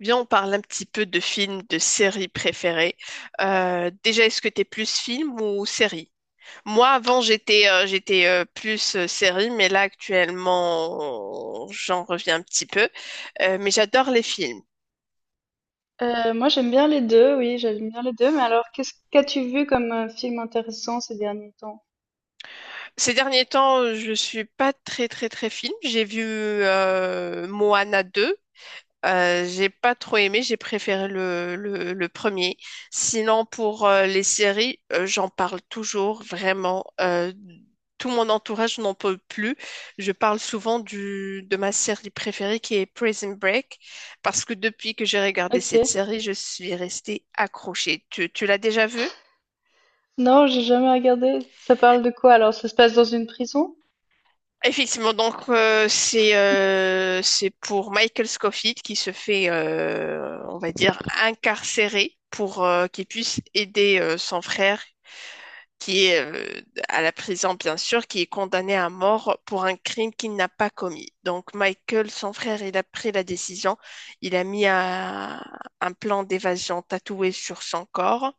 Viens, on parle un petit peu de films, de séries préférées. Déjà, est-ce que t'es plus film ou série? Moi, avant, j'étais plus série, mais là, actuellement, j'en reviens un petit peu. Mais j'adore les films. Moi j'aime bien les deux, oui, j'aime bien les deux, mais alors qu'est-ce qu'as-tu vu comme film intéressant ces derniers temps? Ces derniers temps, je suis pas très, très, très film. J'ai vu Moana 2. J'ai pas trop aimé, j'ai préféré le premier. Sinon, pour les séries, j'en parle toujours, vraiment. Tout mon entourage n'en peut plus. Je parle souvent de ma série préférée qui est Prison Break, parce que depuis que j'ai regardé Ok. cette série, je suis restée accrochée. Tu l'as déjà vue? Non, j'ai jamais regardé. Ça parle de quoi alors? Ça se passe dans une prison? Effectivement, donc c'est pour Michael Scofield qui se fait, on va dire, incarcéré pour qu'il puisse aider son frère qui est à la prison, bien sûr, qui est condamné à mort pour un crime qu'il n'a pas commis. Donc Michael, son frère, il a pris la décision, il a mis un plan d'évasion tatoué sur son corps.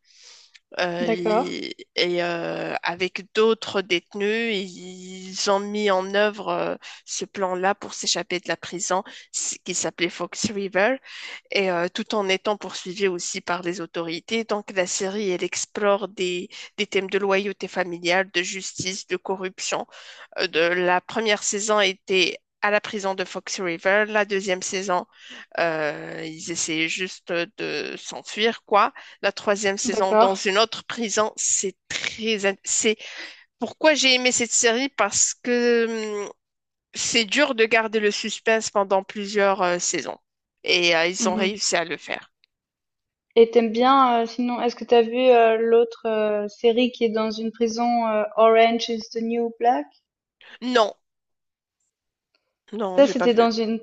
D'accord, Avec d'autres détenus, ils ont mis en œuvre ce plan-là pour s'échapper de la prison qui s'appelait Fox River, tout en étant poursuivis aussi par les autorités. Donc la série, elle explore des thèmes de loyauté familiale, de justice, de corruption, la première saison était à la prison de Fox River. La deuxième saison, ils essayaient juste de s'enfuir, quoi. La troisième saison, dans d'accord. une autre prison, c'est pourquoi j'ai aimé cette série, parce que c'est dur de garder le suspense pendant plusieurs saisons. Ils ont Mhm. réussi à le faire. Et t'aimes bien, sinon, est-ce que t'as vu l'autre série qui est dans une prison, Orange is the New Black? Non, non, Ça, j'ai pas c'était vu. dans une,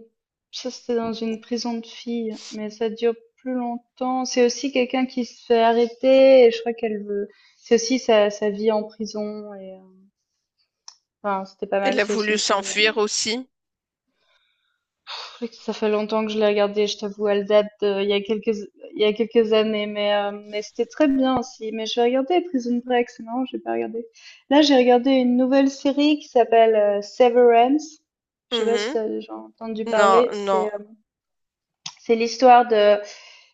Ça, c'était dans une prison de filles, mais ça dure plus longtemps. C'est aussi quelqu'un qui se fait arrêter et je crois qu'elle veut. C'est aussi sa vie en prison et enfin, c'était pas Elle mal. a C'est aussi voulu une série. Anna. s'enfuir aussi. Pff, ça fait longtemps que je l'ai regardée. Je t'avoue, elle date de- il y a quelques, il y a quelques années, mais c'était très bien aussi. Mais je vais regarder Prison Break. C'est marrant, j'ai pas regardé. Là, j'ai regardé une nouvelle série qui s'appelle Severance. Je sais pas si Mhm. t'as déjà entendu Non, parler. non. C'est l'histoire de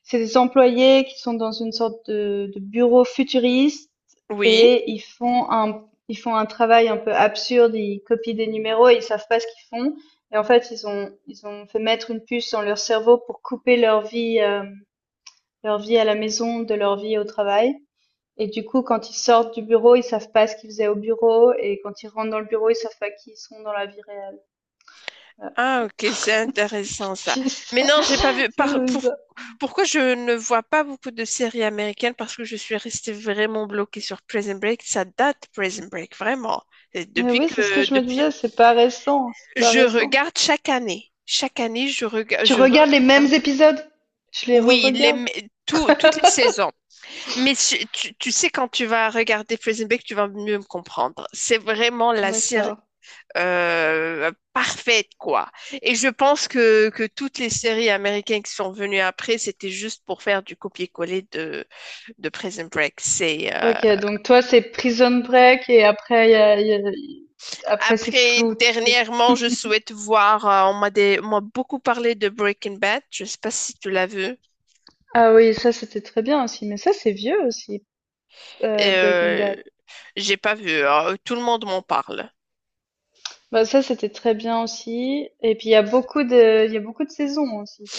C'est des employés qui sont dans une sorte de bureau futuriste Oui. et ils font un travail un peu absurde, ils copient des numéros et ils savent pas ce qu'ils font. Et en fait, ils ont fait mettre une puce dans leur cerveau pour couper leur vie à la maison de leur vie au travail. Et du coup, quand ils sortent du bureau, ils savent pas ce qu'ils faisaient au bureau. Et quand ils rentrent dans le bureau, ils savent pas qui ils sont dans la vie réelle. Voilà. Ah, ok, c'est intéressant ça. Puis Mais ça, non, j'ai pas vu. ça me- ça- Pourquoi je ne vois pas beaucoup de séries américaines? Parce que je suis restée vraiment bloquée sur Prison Break. Ça date Prison Break, vraiment. Et Mais depuis oui, c'est ce que que je me depuis, disais, c'est pas récent, c'est pas je récent. regarde chaque année. Chaque année, je regarde, Tu je regardes les regarde. mêmes épisodes? Tu les Oui, les, re-regardes? mais tout- toutes les saisons. Mais tu sais, quand tu vas regarder Prison Break, tu vas mieux me comprendre. C'est vraiment la série D'accord. Parfaite, quoi. Et je pense que toutes les séries américaines qui sont venues après, c'était juste pour faire du copier-coller de Prison Break. OK, donc toi, c'est Prison Break et après, après c'est Après, flou, tu sais. dernièrement, je souhaite voir, on m'a beaucoup parlé de Breaking Bad. Je sais pas si tu l'as vu. Ah oui, ça, c'était très bien aussi. Mais ça, c'est vieux aussi, Breaking Euh, Bad. j'ai pas vu, hein. Tout le monde m'en parle. Bah, ça, c'était très bien aussi. Et puis, il y a beaucoup de saisons aussi.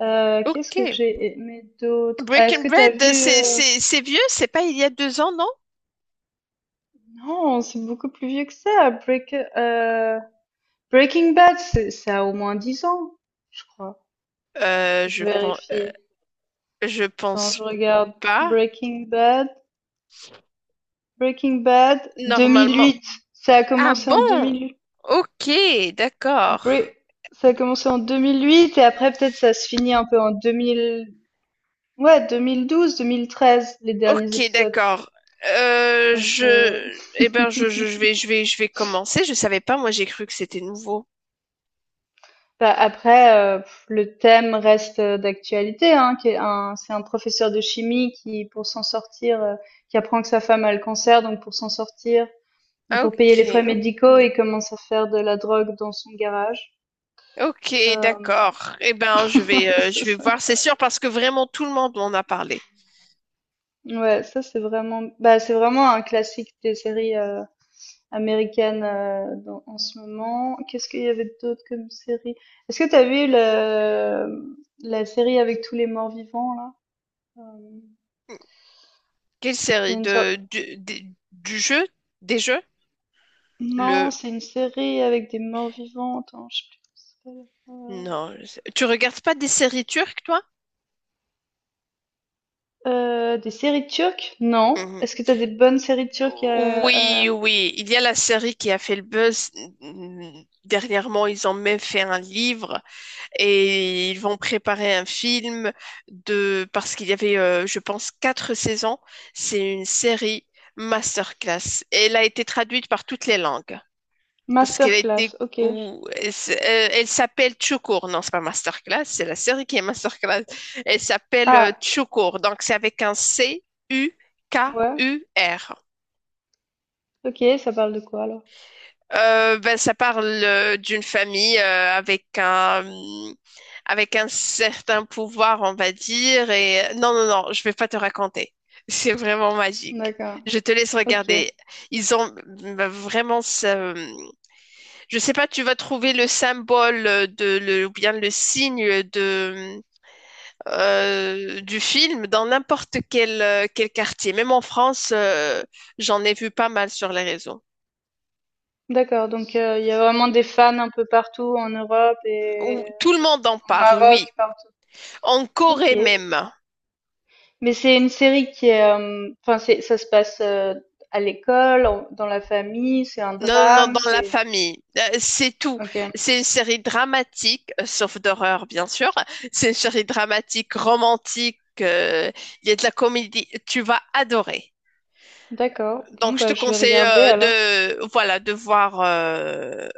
Qu'est-ce Ok. que j'ai aimé d'autre? Ah, est-ce Breaking que t'as Bad, vu, c'est vieux, c'est pas il y a deux ans, non? non, c'est beaucoup plus vieux que ça. Breaking Bad, ça a au moins 10 ans, je crois. Euh, Faut que je je pense, vérifie. je Attends, pense je regarde. pas. Breaking Bad. Breaking Bad, Normalement. 2008. Ça a Ah commencé en bon? 2008. Ok, d'accord. Bre- Ça a commencé en 2008 et après peut-être ça se finit un peu en 2000. Ouais, 2012, 2013, les derniers Ok, épisodes. d'accord. Donc euh, Je, eh ben, je vais, je vais, je vais commencer. Je savais pas, moi, j'ai cru que c'était nouveau. bah, après, pff, le thème reste d'actualité, hein, c'est un professeur de chimie qui, pour s'en sortir, qui apprend que sa femme a le cancer, donc pour s'en sortir, et pour payer les frais Ok, médicaux, il commence à faire de la drogue dans son garage. ok, Euh, d'accord. Eh ben, c'est je vais ça. voir, c'est sûr, parce que vraiment tout le monde m'en a parlé. Ouais, ça c'est vraiment bah, c'est vraiment un classique des séries, américaines, dans en ce moment. Qu'est-ce qu'il y avait d'autre comme série? Est-ce que t'as vu le la série avec tous les morts-vivants là? Hem, Quelle il y série a une sor de, du, des- du jeu, des jeux? non, Le, c'est une série avec des morts-vivants. Attends, je sais plus comment ça s'appelle. Non, je sais- tu regardes pas des séries turques, toi? Des séries turques? Non. Est-ce que t'as des bonnes séries turques, heu? Oui, oui, il y a la série qui a fait le buzz. Mm, dernièrement, ils ont même fait un livre et ils vont préparer un film de, parce qu'il y avait, je pense, quatre saisons. C'est une série masterclass. Elle a été traduite par toutes les langues parce qu'elle a été, Masterclass, OK. Elle s'appelle Chukur. Non, c'est pas masterclass, c'est la série qui est masterclass. Elle s'appelle Ah, Chukur, donc c'est avec un C U K ouais. U R. OK, ça parle de quoi alors? Ça parle d'une famille, avec un certain pouvoir, on va dire. Et non, non, non, je vais pas te raconter. C'est vraiment magique. D'accord, Je te laisse OK. regarder. Ils ont ben, vraiment. Ça. Je sais pas, tu vas trouver le symbole de le ou bien le signe de du film dans n'importe quel quartier. Même en France, j'en ai vu pas mal sur les réseaux D'accord, donc il y a vraiment des fans un peu partout en Europe et où tout le monde en au parle. Maroc, Oui. partout. En OK. Corée même. Mais c'est une série qui est, enfin c'est ça se passe, à l'école, en dans la famille, c'est un Non, non, non, drame, dans la c'est famille. C'est tout. OK. C'est une série dramatique, sauf d'horreur, bien sûr. C'est une série dramatique, romantique. Il y a de la comédie. Tu vas adorer. D'accord. Bon Donc, je te bah, je vais conseille regarder alors, voilà, de voir.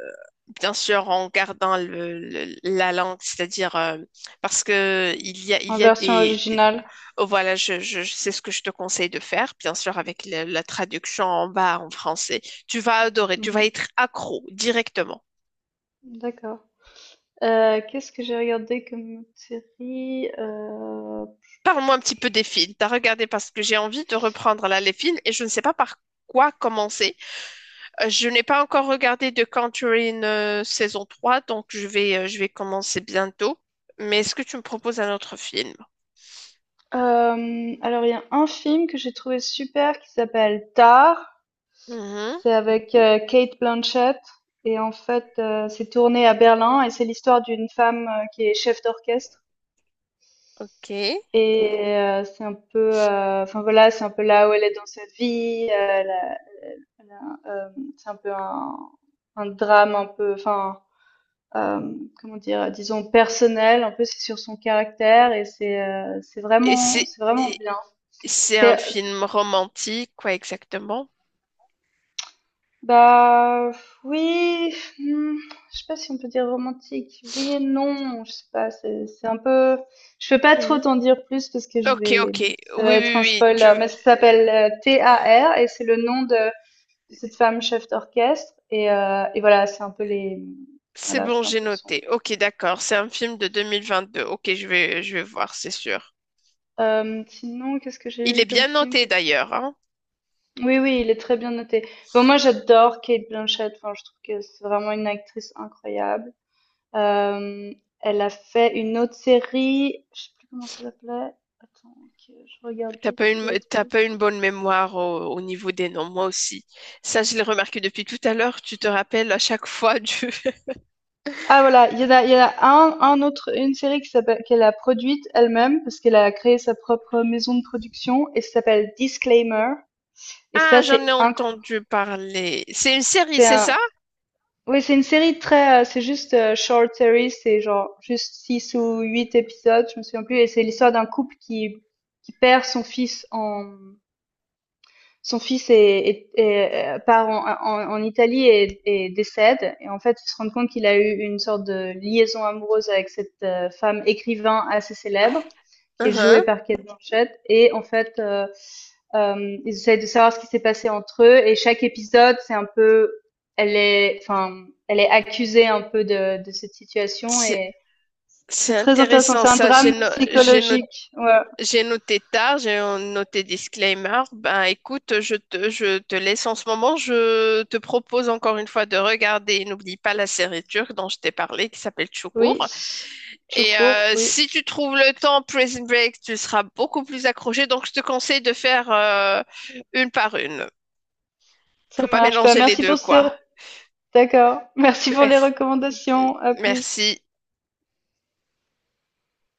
Bien sûr, en gardant la langue, c'est-à-dire parce que il en y a version des- originale. oh, voilà, je sais ce que je te conseille de faire, bien sûr, avec la traduction en bas en français. Tu vas adorer, tu vas Mmh. être accro directement. D'accord. Qu'est-ce que j'ai regardé comme autre série? Parle-moi un petit peu des films. T'as regardé, parce que j'ai envie de reprendre là les films et je ne sais pas par quoi commencer. Je n'ai pas encore regardé The Conjuring saison 3, donc je vais commencer bientôt. Mais est-ce que tu me proposes un autre film? Alors il y a un film que j'ai trouvé super qui s'appelle Tar. Mhm. C'est avec, Cate Blanchett et en fait, c'est tourné à Berlin et c'est l'histoire d'une femme, qui est chef d'orchestre Ok. Et c'est un peu, enfin voilà, c'est un peu là où elle est dans sa vie, c'est un peu un drame un peu enfin, comment dire? Disons personnel, un peu c'est sur son caractère et c'est c'est vraiment et bien. c'est un C'est film romantique, quoi exactement? Bah oui, hmm, je sais pas si on peut dire romantique. Oui et non, je sais pas. C'est un peu. Je peux pas trop Mhm. t'en dire plus parce que je Ok, vais. ok. Ça va Oui, être oui, un oui. Tu... spoiler, mais ça s'appelle T A R et c'est le nom de cette femme chef d'orchestre et voilà, c'est un peu les. C'est Voilà, bon, c'est un j'ai peu son. noté. Ok, d'accord. C'est un film de 2022. Ok, je vais voir, c'est sûr. Sinon, qu'est-ce que Il j'ai est eu comme bien film noté d'ailleurs, hein. oui, oui, il est très bien noté. Bon, moi, j'adore Kate Blanchett. Enfin, je trouve que c'est vraiment une actrice incroyable. Euh, elle a fait une autre série, je sais plus comment ça s'appelait. Attends, que je regarde vite T'as pas une bonne mémoire au niveau des noms, moi aussi. Ça, je l'ai remarqué depuis tout à l'heure. Tu te rappelles à chaque fois du... ah voilà, il y en a un autre, une série qui s'appelle, qu'elle a produite elle-même parce qu'elle a créé sa propre maison de production et ça s'appelle Disclaimer. Et Ah, ça, j'en ai c'est incroyable. entendu parler. C'est une série, C'est c'est ça? un, oui, c'est une série très, c'est juste short series, c'est genre juste 6 ou 8 épisodes, je me souviens plus. Et c'est l'histoire d'un couple qui perd son fils en son fils part en, en Italie et décède. Et en fait, il se rend compte qu'il a eu une sorte de liaison amoureuse avec cette femme écrivain assez célèbre, qui est jouée Mhm. par Kate Blanchett. Et en fait, ils essayent de savoir ce qui s'est passé entre eux. Et chaque épisode, c'est un peu, elle est, enfin, elle est accusée un peu de cette situation. Et C'est c'est très intéressant. intéressant C'est un ça. J'ai drame no- j'ai no- psychologique. Ouais. J'ai noté tard, j'ai noté disclaimer. Ben écoute, je te laisse en ce moment. Je te propose encore une fois de regarder. N'oublie pas la série turque dont je t'ai parlé qui s'appelle Oui, Çukur. tout Et court. euh, Oui, si tu trouves le temps, Prison Break, tu seras beaucoup plus accroché. Donc je te conseille de faire une par une. ça Faut pas marche. Bah, mélanger les merci deux, pour ce quoi. D'accord. Merci pour les Merci. recommandations. À plus. Merci.